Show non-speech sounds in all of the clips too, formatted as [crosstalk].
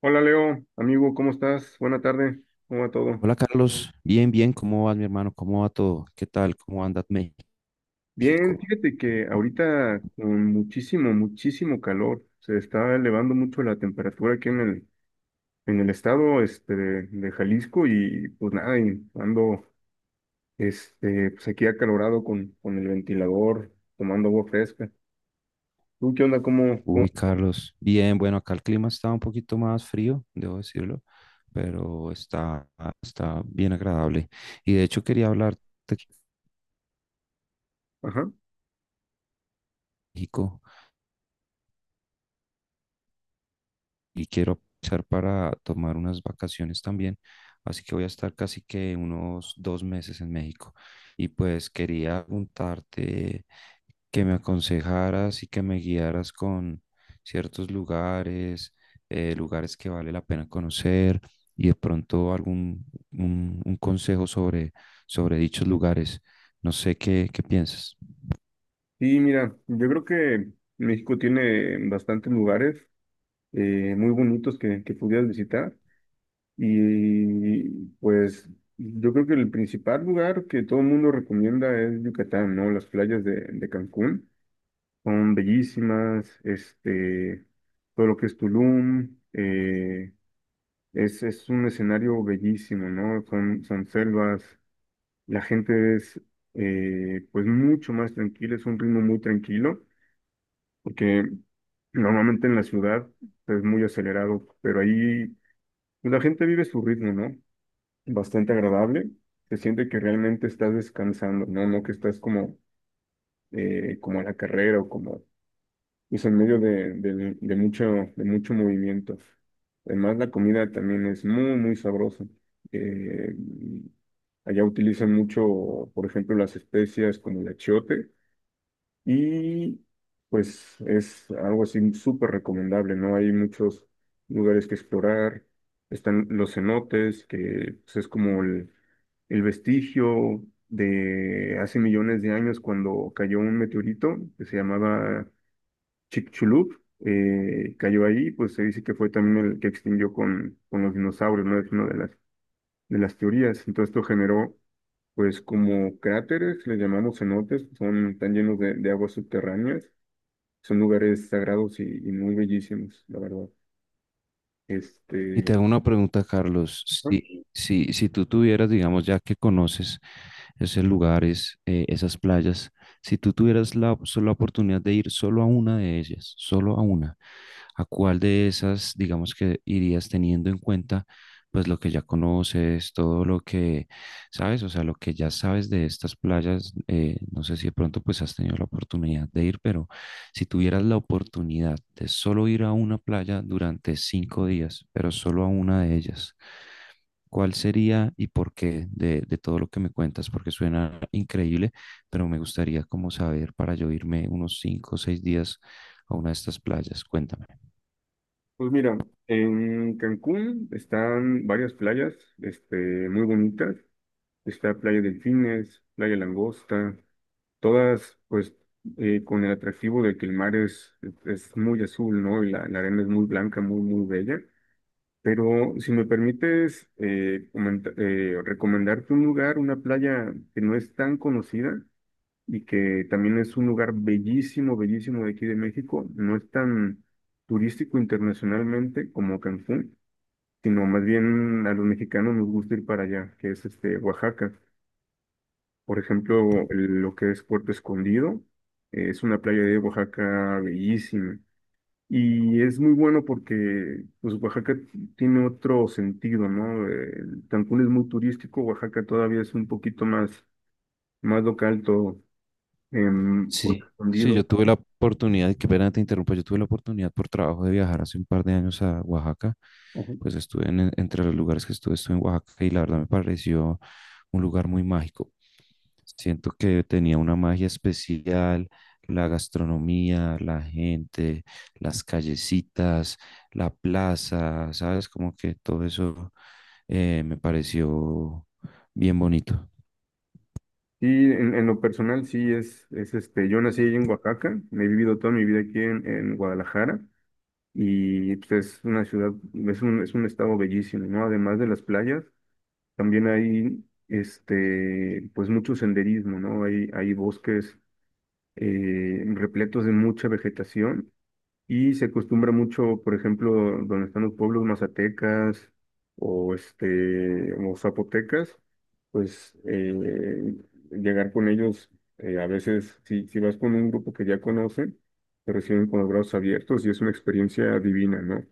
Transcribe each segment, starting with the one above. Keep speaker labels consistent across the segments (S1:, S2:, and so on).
S1: Hola Leo, amigo, ¿cómo estás? Buena tarde, ¿cómo va todo?
S2: Hola Carlos, bien, bien, ¿cómo vas mi hermano? ¿Cómo va todo? ¿Qué tal? ¿Cómo anda
S1: Bien,
S2: México?
S1: fíjate que ahorita con muchísimo, muchísimo calor, se está elevando mucho la temperatura aquí en el estado de Jalisco y pues nada, y ando pues aquí acalorado con el ventilador, tomando agua fresca. ¿Tú qué onda? ¿Cómo?
S2: Carlos, bien, bueno, acá el clima está un poquito más frío, debo decirlo, pero está bien agradable. Y de hecho quería hablarte de
S1: Ajá.
S2: México. Y quiero aprovechar para tomar unas vacaciones también, así que voy a estar casi que unos 2 meses en México. Y pues quería preguntarte que me aconsejaras y que me guiaras con ciertos lugares, lugares que vale la pena conocer y de pronto un consejo sobre dichos lugares. No sé qué piensas.
S1: Sí, mira, yo creo que México tiene bastantes lugares muy bonitos que pudieras visitar. Y pues yo creo que el principal lugar que todo el mundo recomienda es Yucatán, ¿no? Las playas de Cancún son bellísimas. Todo lo que es Tulum, es un escenario bellísimo, ¿no? Son selvas, la gente es pues mucho más tranquila, es un ritmo muy tranquilo, porque normalmente en la ciudad pues, es muy acelerado, pero ahí pues, la gente vive su ritmo, ¿no? Bastante agradable. Se siente que realmente estás descansando, ¿no? No que estás como, como en la carrera o como, pues en medio de mucho movimiento. Además, la comida también es muy, muy sabrosa. Eh, Allá utilizan mucho, por ejemplo, las especias como el achiote. Y pues es algo así súper recomendable, ¿no? Hay muchos lugares que explorar. Están los cenotes, que pues, es como el vestigio de hace millones de años cuando cayó un meteorito que se llamaba Chicxulub. Cayó ahí, pues se dice que fue también el que extinguió con los dinosaurios, ¿no? Es una de las teorías. Entonces esto generó, pues como cráteres, les llamamos cenotes, están llenos de aguas subterráneas, son lugares sagrados y muy bellísimos, la verdad.
S2: Y te
S1: Este,
S2: hago una pregunta, Carlos.
S1: ajá.
S2: Si, si tú tuvieras, digamos, ya que conoces esos lugares, esas playas, si tú tuvieras solo la oportunidad de ir solo a una de ellas, solo a una, ¿a cuál de esas, digamos, que irías teniendo en cuenta, pues lo que ya conoces, todo lo que sabes, o sea, lo que ya sabes de estas playas? No sé si de pronto pues has tenido la oportunidad de ir, pero si tuvieras la oportunidad de solo ir a una playa durante 5 días, pero solo a una de ellas, ¿cuál sería y por qué de todo lo que me cuentas? Porque suena increíble, pero me gustaría como saber para yo irme unos 5 o 6 días a una de estas playas. Cuéntame.
S1: Pues mira, en Cancún están varias playas, este, muy bonitas. Está Playa Delfines, Playa Langosta, todas pues con el atractivo de que el mar es muy azul, ¿no? Y la arena es muy blanca, muy, muy bella. Pero si me permites recomendarte un lugar, una playa que no es tan conocida y que también es un lugar bellísimo, bellísimo de aquí de México, no es tan turístico internacionalmente como Cancún, sino más bien a los mexicanos nos gusta ir para allá, que es Oaxaca. Por ejemplo, lo que es Puerto Escondido. Es una playa de Oaxaca bellísima. Y es muy bueno porque pues, Oaxaca tiene otro sentido, ¿no? Cancún es muy turístico, Oaxaca todavía es un poquito más, más local, todo por
S2: Sí, sí, yo
S1: escondido.
S2: tuve la oportunidad, y qué pena te interrumpo, yo tuve la oportunidad por trabajo de viajar hace un par de años a Oaxaca,
S1: Ajá.
S2: pues estuve entre los lugares que estuve, estuve en Oaxaca y la verdad me pareció un lugar muy mágico. Siento que tenía una magia especial, la gastronomía, la gente, las callecitas, la plaza, ¿sabes? Como que todo eso me pareció bien bonito.
S1: Y en lo personal, sí, yo nací ahí en Oaxaca, he vivido toda mi vida aquí en Guadalajara y pues, es una ciudad, es un estado bellísimo, ¿no? Además de las playas, también hay pues mucho senderismo, ¿no? Hay bosques repletos de mucha vegetación y se acostumbra mucho, por ejemplo, donde están los pueblos mazatecas o zapotecas, pues llegar con ellos a veces si vas con un grupo que ya conocen, te reciben con los brazos abiertos y es una experiencia divina, ¿no?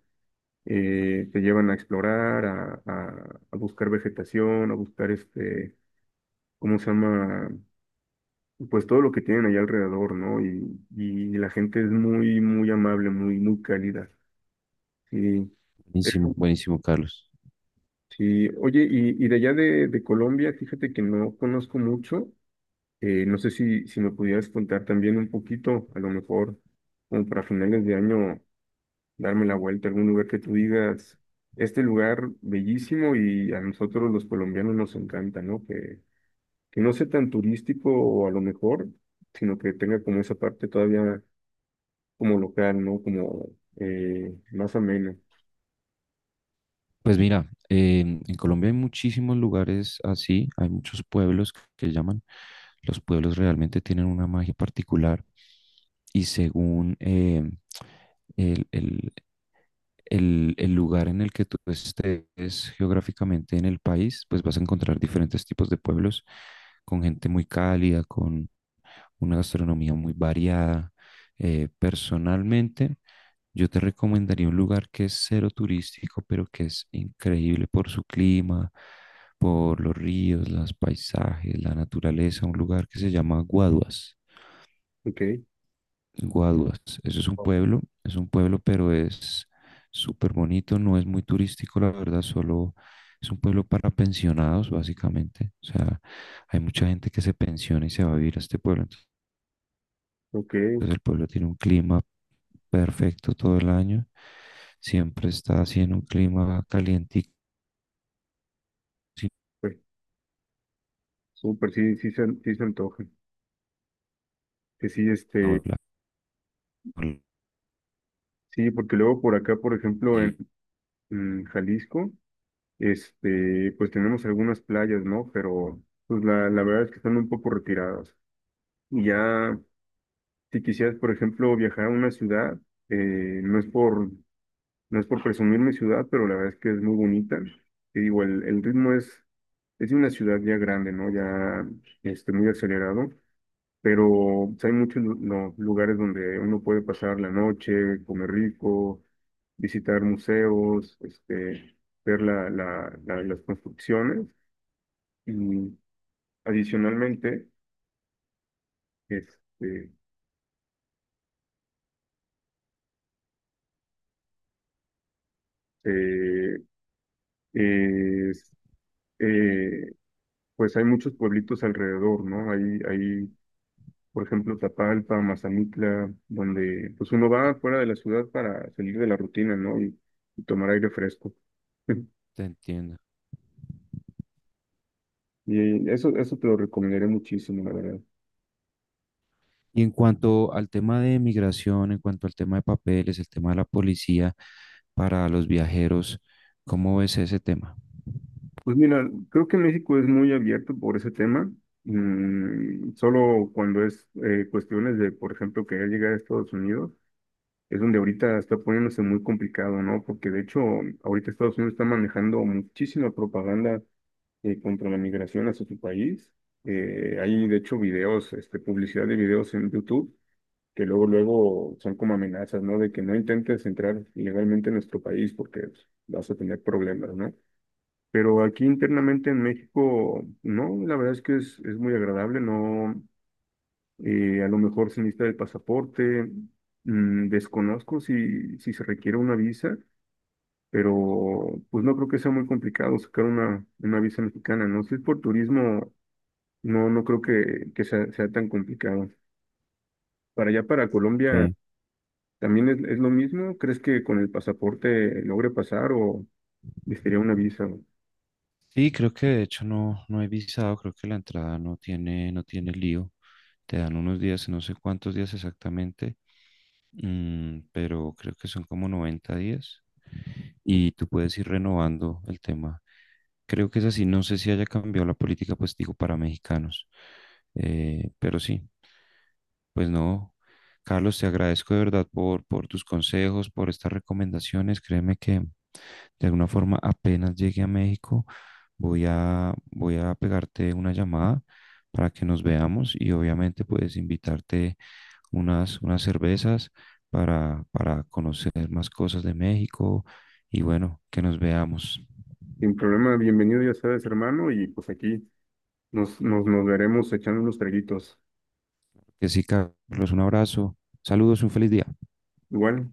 S1: Te llevan a explorar, a buscar vegetación, a buscar ¿cómo se llama? Pues todo lo que tienen allá alrededor, ¿no? Y la gente es muy, muy amable, muy, muy cálida. Sí, eso,
S2: Buenísimo, buenísimo, Carlos.
S1: sí. Oye, y de allá de Colombia, fíjate que no conozco mucho. No sé si me pudieras contar también un poquito, a lo mejor, como para finales de año, darme la vuelta a algún lugar que tú digas, este lugar bellísimo y a nosotros los colombianos nos encanta, ¿no? Que no sea tan turístico o a lo mejor, sino que tenga como esa parte todavía como local, ¿no? Como más ameno.
S2: Pues mira, en Colombia hay muchísimos lugares así, hay muchos pueblos que llaman. Los pueblos realmente tienen una magia particular y según el, el- el lugar en el que tú estés geográficamente en el país, pues vas a encontrar diferentes tipos de pueblos con gente muy cálida, con una gastronomía muy variada. Personalmente, yo te recomendaría un lugar que es cero turístico, pero que es increíble por su clima, por los ríos, los paisajes, la naturaleza, un lugar que se llama Guaduas.
S1: Ok,
S2: Guaduas, eso es un pueblo, pero es súper bonito, no es muy turístico, la verdad, solo es un pueblo para pensionados, básicamente. O sea, hay mucha gente que se pensiona y se va a vivir a este pueblo. Entonces,
S1: ok,
S2: el pueblo tiene un clima perfecto todo el año, siempre está así en un clima calientico, sin
S1: pues súper, sí se antoja. Que sí,
S2: ola- ola-
S1: sí, porque luego por acá, por ejemplo, en,
S2: y
S1: en Jalisco, pues tenemos algunas playas, ¿no? Pero pues la verdad es que están un poco retiradas. Y ya, si quisieras, por ejemplo, viajar a una ciudad, eh, no es por No es por presumir mi ciudad, pero la verdad es que es muy bonita. Te digo, el ritmo es de una ciudad ya grande, ¿no? Ya muy acelerado, pero pues, hay muchos lu- no, lugares donde uno puede pasar la noche, comer rico, visitar museos, ver las construcciones. Y adicionalmente, este, eh, es- eh, pues hay muchos pueblitos alrededor, ¿no? Hay por ejemplo, Tapalpa, Mazamitla, donde pues uno va fuera de la ciudad para salir de la rutina, ¿no? Y tomar aire fresco. [laughs]
S2: te entiendo.
S1: Y eso te lo recomendaré muchísimo, la verdad.
S2: Y en cuanto al tema de migración, en cuanto al tema de papeles, el tema de la policía para los viajeros, ¿cómo ves ese tema?
S1: Pues mira, creo que México es muy abierto por ese tema. Solo cuando es cuestiones de, por ejemplo, querer llegar a Estados Unidos, es donde ahorita está poniéndose muy complicado, ¿no? Porque de hecho, ahorita Estados Unidos está manejando muchísima propaganda contra la migración hacia su país. Hay, de hecho, videos, publicidad de videos en YouTube que luego, luego son como amenazas, ¿no? De que no intentes entrar ilegalmente en nuestro país porque pues, vas a tener problemas, ¿no? Pero aquí internamente en México, no, la verdad es que es muy agradable, no, a lo mejor se necesita el pasaporte, desconozco si se requiere una visa, pero pues no creo que sea muy complicado sacar una visa mexicana, ¿no? Si es por turismo, no, no creo que sea tan complicado. Para allá, para Colombia,
S2: Ok.
S1: ¿también es lo mismo? ¿Crees que con el pasaporte logre pasar o necesitaría una visa?
S2: Sí, creo que de hecho no, no he visado, creo que la entrada no tiene, no tiene lío. Te dan unos días, no sé cuántos días exactamente, mm, pero creo que son como 90 días y tú puedes ir renovando el tema. Creo que es así, no sé si haya cambiado la política, pues digo, para mexicanos, pero sí. Pues no, Carlos, te agradezco de verdad por tus consejos, por estas recomendaciones. Créeme que de alguna forma apenas llegue a México, voy a pegarte una llamada para que nos veamos y obviamente puedes invitarte unas cervezas para conocer más cosas de México y bueno, que nos veamos.
S1: Sin problema, bienvenido, ya sabes, hermano, y pues aquí nos veremos echando unos traguitos.
S2: Que sí, Carlos, un abrazo. Saludos, un feliz día.
S1: Igual,